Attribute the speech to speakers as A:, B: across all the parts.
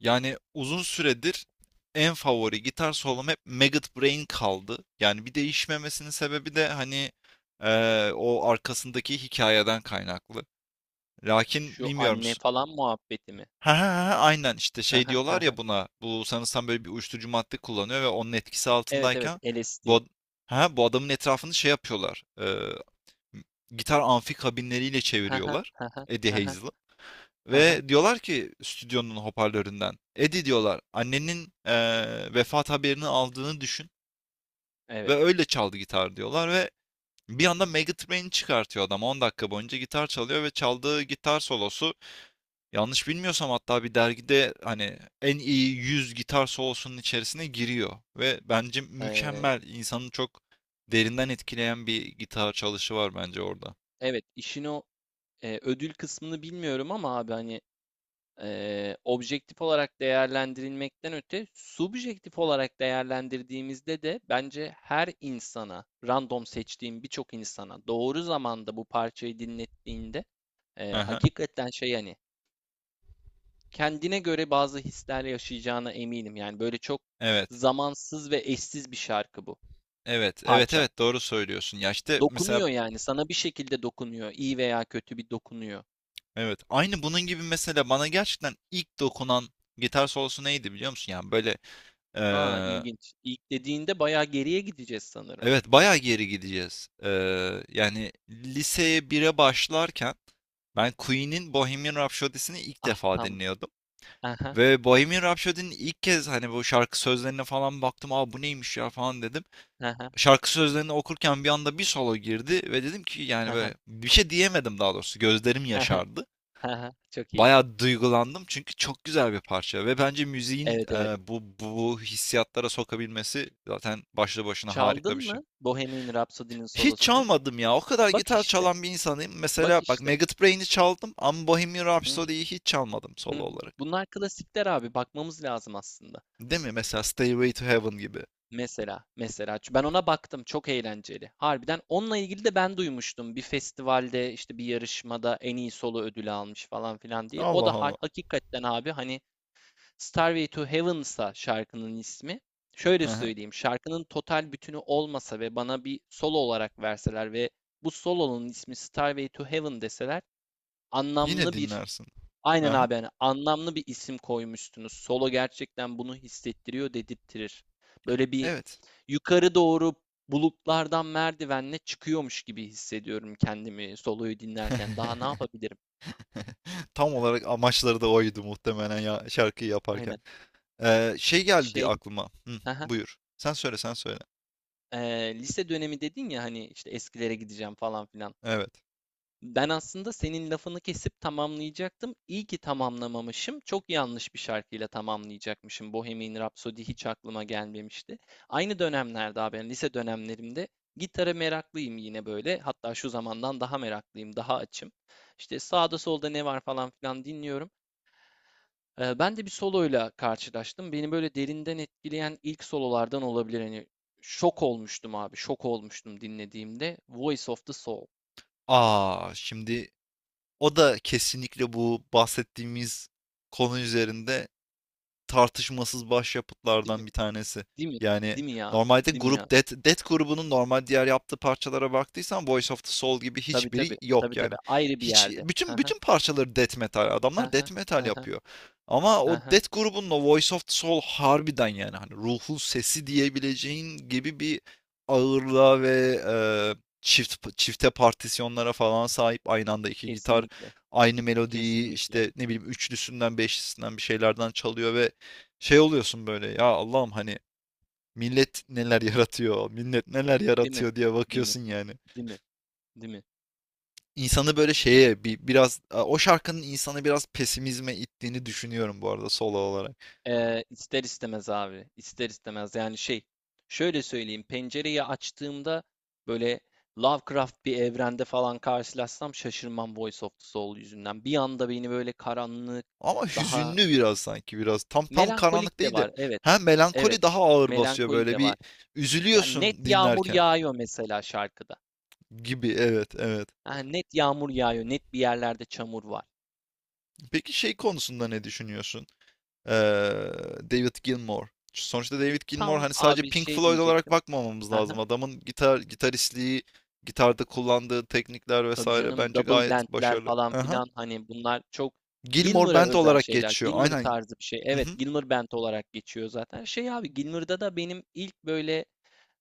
A: Yani uzun süredir en favori gitar solom hep Maggot Brain kaldı. Yani bir değişmemesinin sebebi de hani o arkasındaki hikayeden kaynaklı. Lakin
B: Şu
A: bilmiyorum.
B: anne falan muhabbeti mi?
A: Ha ha ha ha, aynen işte
B: Hı
A: şey
B: hı, hı
A: diyorlar
B: hı.
A: ya buna. Bu sanırsam böyle bir uyuşturucu madde kullanıyor ve onun etkisi
B: Evet evet
A: altındayken bu,
B: LSD.
A: ad- ha, bu adamın etrafını şey yapıyorlar. Gitar amfi kabinleriyle
B: Hı hı,
A: çeviriyorlar.
B: hı hı,
A: Eddie
B: hı hı,
A: Hazel'ı.
B: hı hı.
A: Ve diyorlar ki stüdyonun hoparlöründen, Eddie diyorlar, annenin vefat haberini aldığını düşün ve
B: Evet.
A: öyle çaldı gitar, diyorlar, ve bir anda Megatrain'i çıkartıyor adam, 10 dakika boyunca gitar çalıyor ve çaldığı gitar solosu yanlış bilmiyorsam hatta bir dergide hani en iyi 100 gitar solosunun içerisine giriyor ve bence
B: Ee,
A: mükemmel, insanı çok derinden etkileyen bir gitar çalışı var bence orada.
B: evet işin o ödül kısmını bilmiyorum ama abi hani objektif olarak değerlendirilmekten öte subjektif olarak değerlendirdiğimizde de bence her insana random seçtiğim birçok insana doğru zamanda bu parçayı dinlettiğinde
A: Aha.
B: hakikaten şey hani kendine göre bazı hisler yaşayacağına eminim. Yani böyle çok
A: Evet.
B: zamansız ve eşsiz bir şarkı bu.
A: Evet, evet,
B: Parça.
A: evet, doğru söylüyorsun. Ya işte mesela
B: Dokunuyor yani. Sana bir şekilde dokunuyor. İyi veya kötü bir dokunuyor.
A: evet. Aynı bunun gibi mesela bana gerçekten ilk dokunan gitar solosu neydi biliyor musun? Yani böyle
B: Aa,
A: eee,
B: ilginç. İlk dediğinde bayağı geriye gideceğiz sanırım.
A: evet bayağı geri gideceğiz. Yani liseye bire başlarken ben Queen'in Bohemian Rhapsody'sini ilk
B: Ah
A: defa
B: tam.
A: dinliyordum.
B: Aha.
A: Ve Bohemian Rhapsody'nin ilk kez hani bu şarkı sözlerine falan baktım. Aa, bu neymiş ya falan dedim.
B: Aha.
A: Şarkı sözlerini okurken bir anda bir solo girdi ve dedim ki yani
B: Aha.
A: böyle, bir şey diyemedim daha doğrusu. Gözlerim
B: Aha.
A: yaşardı.
B: Aha. Çok iyi.
A: Bayağı duygulandım çünkü çok güzel bir parça ve bence müziğin
B: Evet evet.
A: bu hissiyatlara sokabilmesi zaten başlı başına harika bir
B: Çaldın
A: şey.
B: mı Bohemian Rhapsody'nin
A: Hiç
B: solosunu?
A: çalmadım ya. O kadar
B: Bak
A: gitar
B: işte.
A: çalan bir insanım. Mesela
B: Bak
A: bak,
B: işte.
A: Maggot Brain'i çaldım ama Bohemian
B: Hı hı,
A: Rhapsody'yi hiç çalmadım
B: hı
A: solo
B: hı.
A: olarak.
B: Bunlar klasikler abi. Bakmamız lazım aslında.
A: Değil mi? Mesela Stairway to Heaven gibi.
B: Mesela, ben ona baktım, çok eğlenceli. Harbiden onunla ilgili de ben duymuştum, bir festivalde işte bir yarışmada en iyi solo ödülü almış falan filan diye. O
A: Allah
B: da
A: Allah.
B: hakikaten abi, hani Starway to Heaven'sa şarkının ismi. Şöyle
A: Aha.
B: söyleyeyim, şarkının total bütünü olmasa ve bana bir solo olarak verseler ve bu solonun ismi Starway to Heaven deseler,
A: Yine
B: anlamlı bir,
A: dinlersin.
B: aynen
A: Aha.
B: abi, yani anlamlı bir isim koymuştunuz. Solo gerçekten bunu hissettiriyor, dedirttirir. Böyle bir
A: Evet.
B: yukarı doğru, bulutlardan merdivenle çıkıyormuş gibi hissediyorum kendimi soloyu dinlerken. Daha ne yapabilirim?
A: Tam olarak amaçları da oydu muhtemelen ya şarkıyı yaparken.
B: Aynen.
A: Şey geldi
B: Şey,
A: aklıma. Hı,
B: haha,
A: buyur. Sen söyle.
B: lise dönemi dedin ya, hani işte eskilere gideceğim falan filan.
A: Evet.
B: Ben aslında senin lafını kesip tamamlayacaktım. İyi ki tamamlamamışım. Çok yanlış bir şarkıyla tamamlayacakmışım. Bohemian Rhapsody hiç aklıma gelmemişti. Aynı dönemlerde abi, yani lise dönemlerimde gitara meraklıyım yine böyle. Hatta şu zamandan daha meraklıyım, daha açım. İşte sağda solda ne var falan filan dinliyorum. Ben de bir soloyla karşılaştım. Beni böyle derinden etkileyen ilk sololardan olabilir. Hani şok olmuştum abi, şok olmuştum dinlediğimde. Voice of the Soul.
A: A! Şimdi o da kesinlikle bu bahsettiğimiz konu üzerinde tartışmasız
B: Değil
A: başyapıtlardan
B: mi?
A: bir tanesi.
B: Değil mi?
A: Yani
B: Değil mi ya?
A: normalde
B: Değil mi ya?
A: grup Death grubunun normal diğer yaptığı parçalara baktıysan Voice of the Soul gibi
B: Tabii
A: hiçbiri
B: tabii.
A: yok
B: Tabii
A: yani.
B: tabii. Ayrı bir
A: Hiç
B: yerde. Hı
A: bütün
B: hı.
A: bütün parçaları death metal.
B: Hı
A: Adamlar
B: hı.
A: death metal
B: Hı hı.
A: yapıyor. Ama
B: Hı
A: o
B: hı.
A: Death grubunun o Voice of the Soul harbiden, yani hani ruhun sesi diyebileceğin gibi bir ağırlığa ve çift çifte partisyonlara falan sahip, aynı anda iki gitar
B: Kesinlikle.
A: aynı melodiyi
B: Kesinlikle.
A: işte ne bileyim üçlüsünden beşlisinden bir şeylerden çalıyor ve şey oluyorsun böyle, ya Allah'ım, hani millet neler yaratıyor, millet neler
B: Değil mi?
A: yaratıyor diye
B: Değil mi?
A: bakıyorsun yani.
B: Değil mi? Değil mi?
A: İnsanı böyle şeye bir, biraz o şarkının insanı biraz pesimizme ittiğini düşünüyorum bu arada solo olarak.
B: İster istemez abi. İster istemez. Yani şey. Şöyle söyleyeyim. Pencereyi açtığımda böyle Lovecraft bir evrende falan karşılaşsam şaşırmam, Voice of the Soul yüzünden. Bir anda beni böyle karanlık,
A: Ama
B: daha
A: hüzünlü biraz, sanki biraz tam
B: melankolik
A: karanlık
B: de
A: değil de
B: var. Evet.
A: hem
B: Evet.
A: melankoli daha ağır basıyor,
B: Melankoli
A: böyle
B: de
A: bir
B: var. Yani net
A: üzülüyorsun
B: yağmur
A: dinlerken
B: yağıyor mesela şarkıda.
A: gibi, evet evet.
B: Ha, net yağmur yağıyor, net bir yerlerde çamur var.
A: Peki şey konusunda ne düşünüyorsun? Ee, David Gilmour. Sonuçta David Gilmour
B: Tam
A: hani sadece
B: abi,
A: Pink
B: şey
A: Floyd olarak
B: diyecektim.
A: bakmamamız lazım.
B: Aha,
A: Adamın gitaristliği, gitarda kullandığı teknikler
B: tabii
A: vesaire
B: canım,
A: bence
B: double
A: gayet
B: bandler
A: başarılı.
B: falan
A: Aha.
B: filan, hani bunlar çok
A: Gilmour
B: Gilmour'a
A: Band
B: özel
A: olarak
B: şeyler.
A: geçiyor.
B: Gilmour
A: Aynen.
B: tarzı bir şey.
A: Hı
B: Evet,
A: hı.
B: Gilmour band olarak geçiyor zaten. Şey abi, Gilmour'da da benim ilk böyle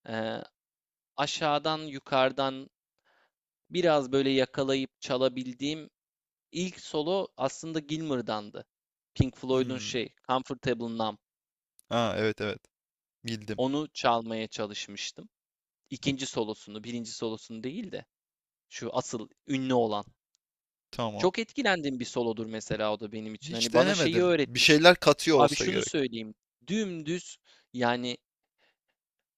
B: e, aşağıdan yukarıdan biraz böyle yakalayıp çalabildiğim ilk solo aslında Gilmour'dandı. Pink Floyd'un
A: Hmm.
B: şey Comfortable Numb.
A: Ha, evet evet. Bildim.
B: Onu çalmaya çalışmıştım. İkinci solosunu, birinci solosunu değil de şu asıl ünlü olan.
A: Tamam.
B: Çok etkilendiğim bir solodur mesela, o da benim için.
A: Hiç
B: Hani bana şeyi
A: denemedim. Bir
B: öğretmişti.
A: şeyler katıyor
B: Abi
A: olsa
B: şunu
A: gerek.
B: söyleyeyim. Dümdüz, yani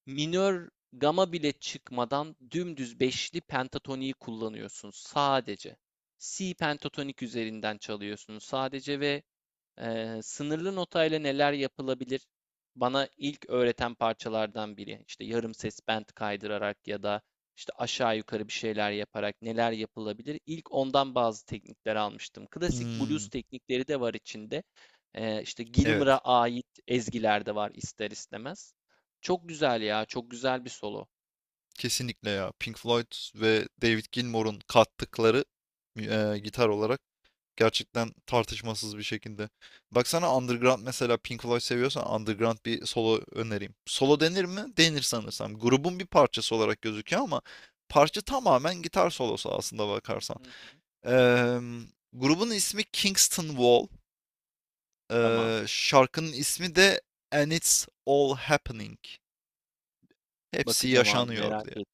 B: minör gama bile çıkmadan dümdüz beşli pentatoniği kullanıyorsun sadece. Si pentatonik üzerinden çalıyorsun sadece ve sınırlı notayla neler yapılabilir? Bana ilk öğreten parçalardan biri. İşte yarım ses bend kaydırarak ya da işte aşağı yukarı bir şeyler yaparak neler yapılabilir? İlk ondan bazı teknikler almıştım. Klasik blues
A: Hmm.
B: teknikleri de var içinde. İşte Gilmour'a
A: Evet.
B: ait ezgiler de var ister istemez. Çok güzel ya, çok güzel bir solo.
A: Kesinlikle ya. Pink Floyd ve David Gilmour'un kattıkları gitar olarak gerçekten tartışmasız bir şekilde. Baksana, Underground mesela, Pink Floyd seviyorsan Underground bir solo önereyim. Solo denir mi? Denir sanırsam. Grubun bir parçası olarak gözüküyor ama parça tamamen gitar solosu aslında bakarsan.
B: Hı hı.
A: Eee, Grubun ismi Kingston Wall.
B: Tamam.
A: Şarkının ismi de And It's All Happening. Hepsi
B: Bakacağım abi,
A: yaşanıyor
B: merak
A: diye.
B: et,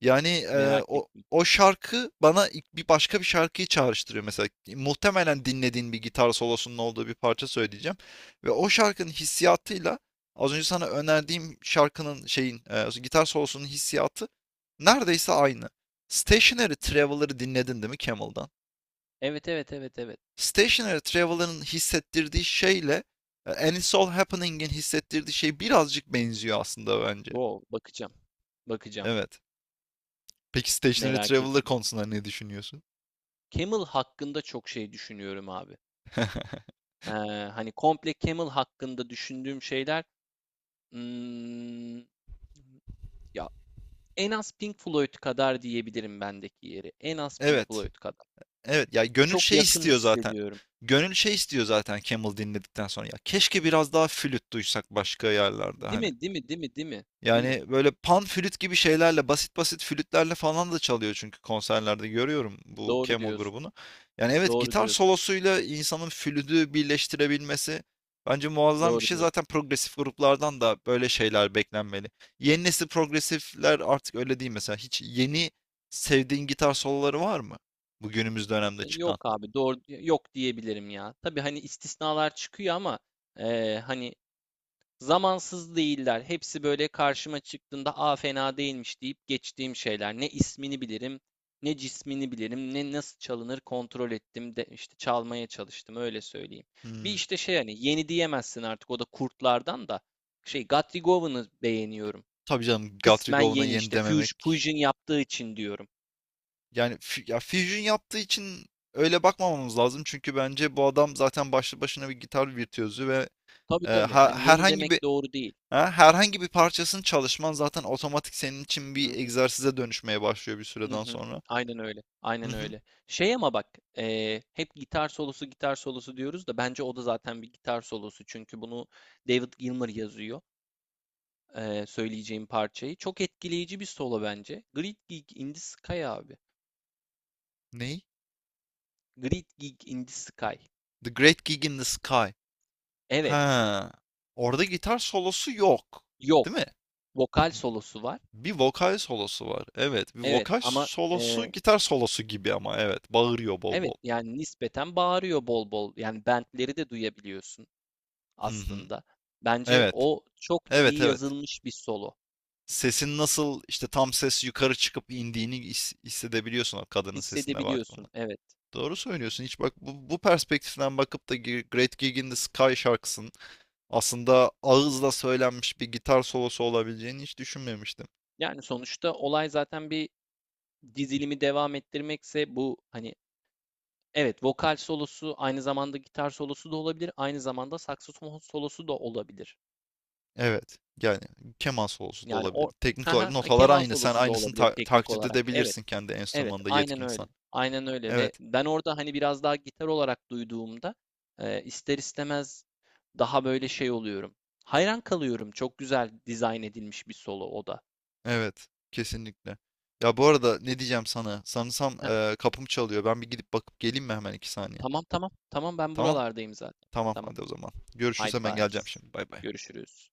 A: Yani,
B: merak et.
A: o şarkı bana ilk bir başka bir şarkıyı çağrıştırıyor mesela. Muhtemelen dinlediğin bir gitar solosunun olduğu bir parça söyleyeceğim ve o şarkının hissiyatıyla az önce sana önerdiğim şarkının şeyin, gitar solosunun hissiyatı neredeyse aynı.
B: Hmm,
A: Stationary
B: ne?
A: Traveler'ı dinledin değil mi Camel'dan?
B: Evet evet evet evet.
A: Stationary Traveler'ın hissettirdiği şeyle, And It's All Happening'in hissettirdiği şey birazcık benziyor aslında bence.
B: Wow, bakacağım, bakacağım.
A: Evet. Peki Stationary
B: Merak et.
A: Traveler konusunda ne düşünüyorsun?
B: Camel hakkında çok şey düşünüyorum abi. Eee, hani komple Camel hakkında düşündüğüm şeyler, hmm, ya en az Pink Floyd kadar diyebilirim bendeki yeri. En az Pink
A: Evet.
B: Floyd kadar.
A: Evet ya, gönül
B: Çok
A: şey
B: yakın
A: istiyor zaten.
B: hissediyorum.
A: Gönül şey istiyor zaten Camel dinledikten sonra. Ya keşke biraz daha flüt duysak başka yerlerde
B: Değil
A: hani.
B: mi? Değil mi? Değil mi? Değil mi? Değil mi?
A: Yani böyle pan flüt gibi şeylerle, basit basit flütlerle falan da çalıyor çünkü konserlerde görüyorum bu
B: Doğru
A: Camel
B: diyorsun.
A: grubunu. Yani evet,
B: Doğru
A: gitar
B: diyorsun.
A: solosuyla insanın flütü birleştirebilmesi bence muazzam bir
B: Doğru
A: şey.
B: diyorsun.
A: Zaten progresif gruplardan da böyle şeyler beklenmeli. Yeni nesil progresifler artık öyle değil mesela. Hiç yeni sevdiğin gitar soloları var mı? Bu günümüz dönemde
B: Yok
A: çıkan.
B: abi, doğru, yok diyebilirim ya. Tabii hani istisnalar çıkıyor ama hani zamansız değiller. Hepsi böyle karşıma çıktığında "a, fena değilmiş" deyip geçtiğim şeyler. Ne ismini bilirim, ne cismini bilirim, ne nasıl çalınır kontrol ettim de işte çalmaya çalıştım, öyle söyleyeyim. Bir
A: Hmm,
B: işte şey, hani yeni diyemezsin artık, o da kurtlardan, da şey, Gatrigov'unu beğeniyorum.
A: tabii canım, Guthrie
B: Kısmen
A: Govan'a
B: yeni,
A: yeni
B: işte
A: dememek.
B: Fusion yaptığı için diyorum.
A: Yani ya Fusion yaptığı için öyle bakmamamız lazım. Çünkü bence bu adam zaten başlı başına bir gitar virtüözü ve
B: Tabii tabii, hani yeni
A: herhangi bir
B: demek doğru değil.
A: ha, herhangi bir parçasını çalışman zaten otomatik senin için bir
B: Hı
A: egzersize dönüşmeye başlıyor bir
B: hı
A: süreden
B: hı.
A: sonra.
B: Aynen öyle.
A: Hı
B: Aynen
A: hı.
B: öyle. Şey ama bak, hep gitar solosu, gitar solosu diyoruz da bence o da zaten bir gitar solosu. Çünkü bunu David Gilmour yazıyor, söyleyeceğim parçayı. Çok etkileyici bir solo bence. Great Gig in the Sky abi.
A: Ney?
B: Great Gig in the Sky.
A: The Great Gig in the Sky.
B: Evet.
A: Ha. Orada gitar solosu yok. Değil mi?
B: Yok. Vokal solosu var.
A: Bir vokal solosu var. Evet, bir
B: Evet
A: vokal
B: ama
A: solosu gitar solosu gibi ama evet. Bağırıyor bol bol.
B: evet, yani nispeten bağırıyor bol bol. Yani bentleri de duyabiliyorsun
A: Hı hı.
B: aslında. Bence
A: Evet.
B: o çok
A: Evet,
B: iyi
A: evet.
B: yazılmış bir solo.
A: Sesin nasıl işte tam ses yukarı çıkıp indiğini hissedebiliyorsun o kadının sesine
B: Hissedebiliyorsun,
A: baktığında.
B: evet.
A: Doğru söylüyorsun. Hiç bak bu perspektiften bakıp da Great Gig in the Sky şarkısının aslında ağızla söylenmiş bir gitar solosu olabileceğini hiç düşünmemiştim.
B: Yani sonuçta olay zaten bir dizilimi devam ettirmekse bu, hani evet, vokal solosu aynı zamanda gitar solosu da olabilir, aynı zamanda saksofon solosu da olabilir.
A: Evet. Yani keman solosu da
B: Yani
A: olabilir.
B: o,
A: Teknik olarak
B: haha,
A: notalar
B: keman
A: aynı. Sen
B: solosu da
A: aynısını
B: olabilir teknik
A: taklit
B: olarak. Evet,
A: edebilirsin kendi
B: evet,
A: enstrümanında
B: aynen öyle.
A: yetkinsen.
B: Aynen öyle. Ve
A: Evet.
B: ben orada hani biraz daha gitar olarak duyduğumda ister istemez daha böyle şey oluyorum. Hayran kalıyorum. Çok güzel dizayn edilmiş bir solo, o da.
A: Evet. Kesinlikle. Ya bu arada ne diyeceğim sana? Sanırsam kapım çalıyor. Ben bir gidip bakıp geleyim mi hemen iki saniye?
B: Tamam tamam. Tamam, ben
A: Tamam.
B: buralardayım zaten.
A: Tamam
B: Tamam.
A: hadi o zaman. Görüşürüz,
B: Haydi
A: hemen
B: bye.
A: geleceğim şimdi. Bay bay.
B: Görüşürüz.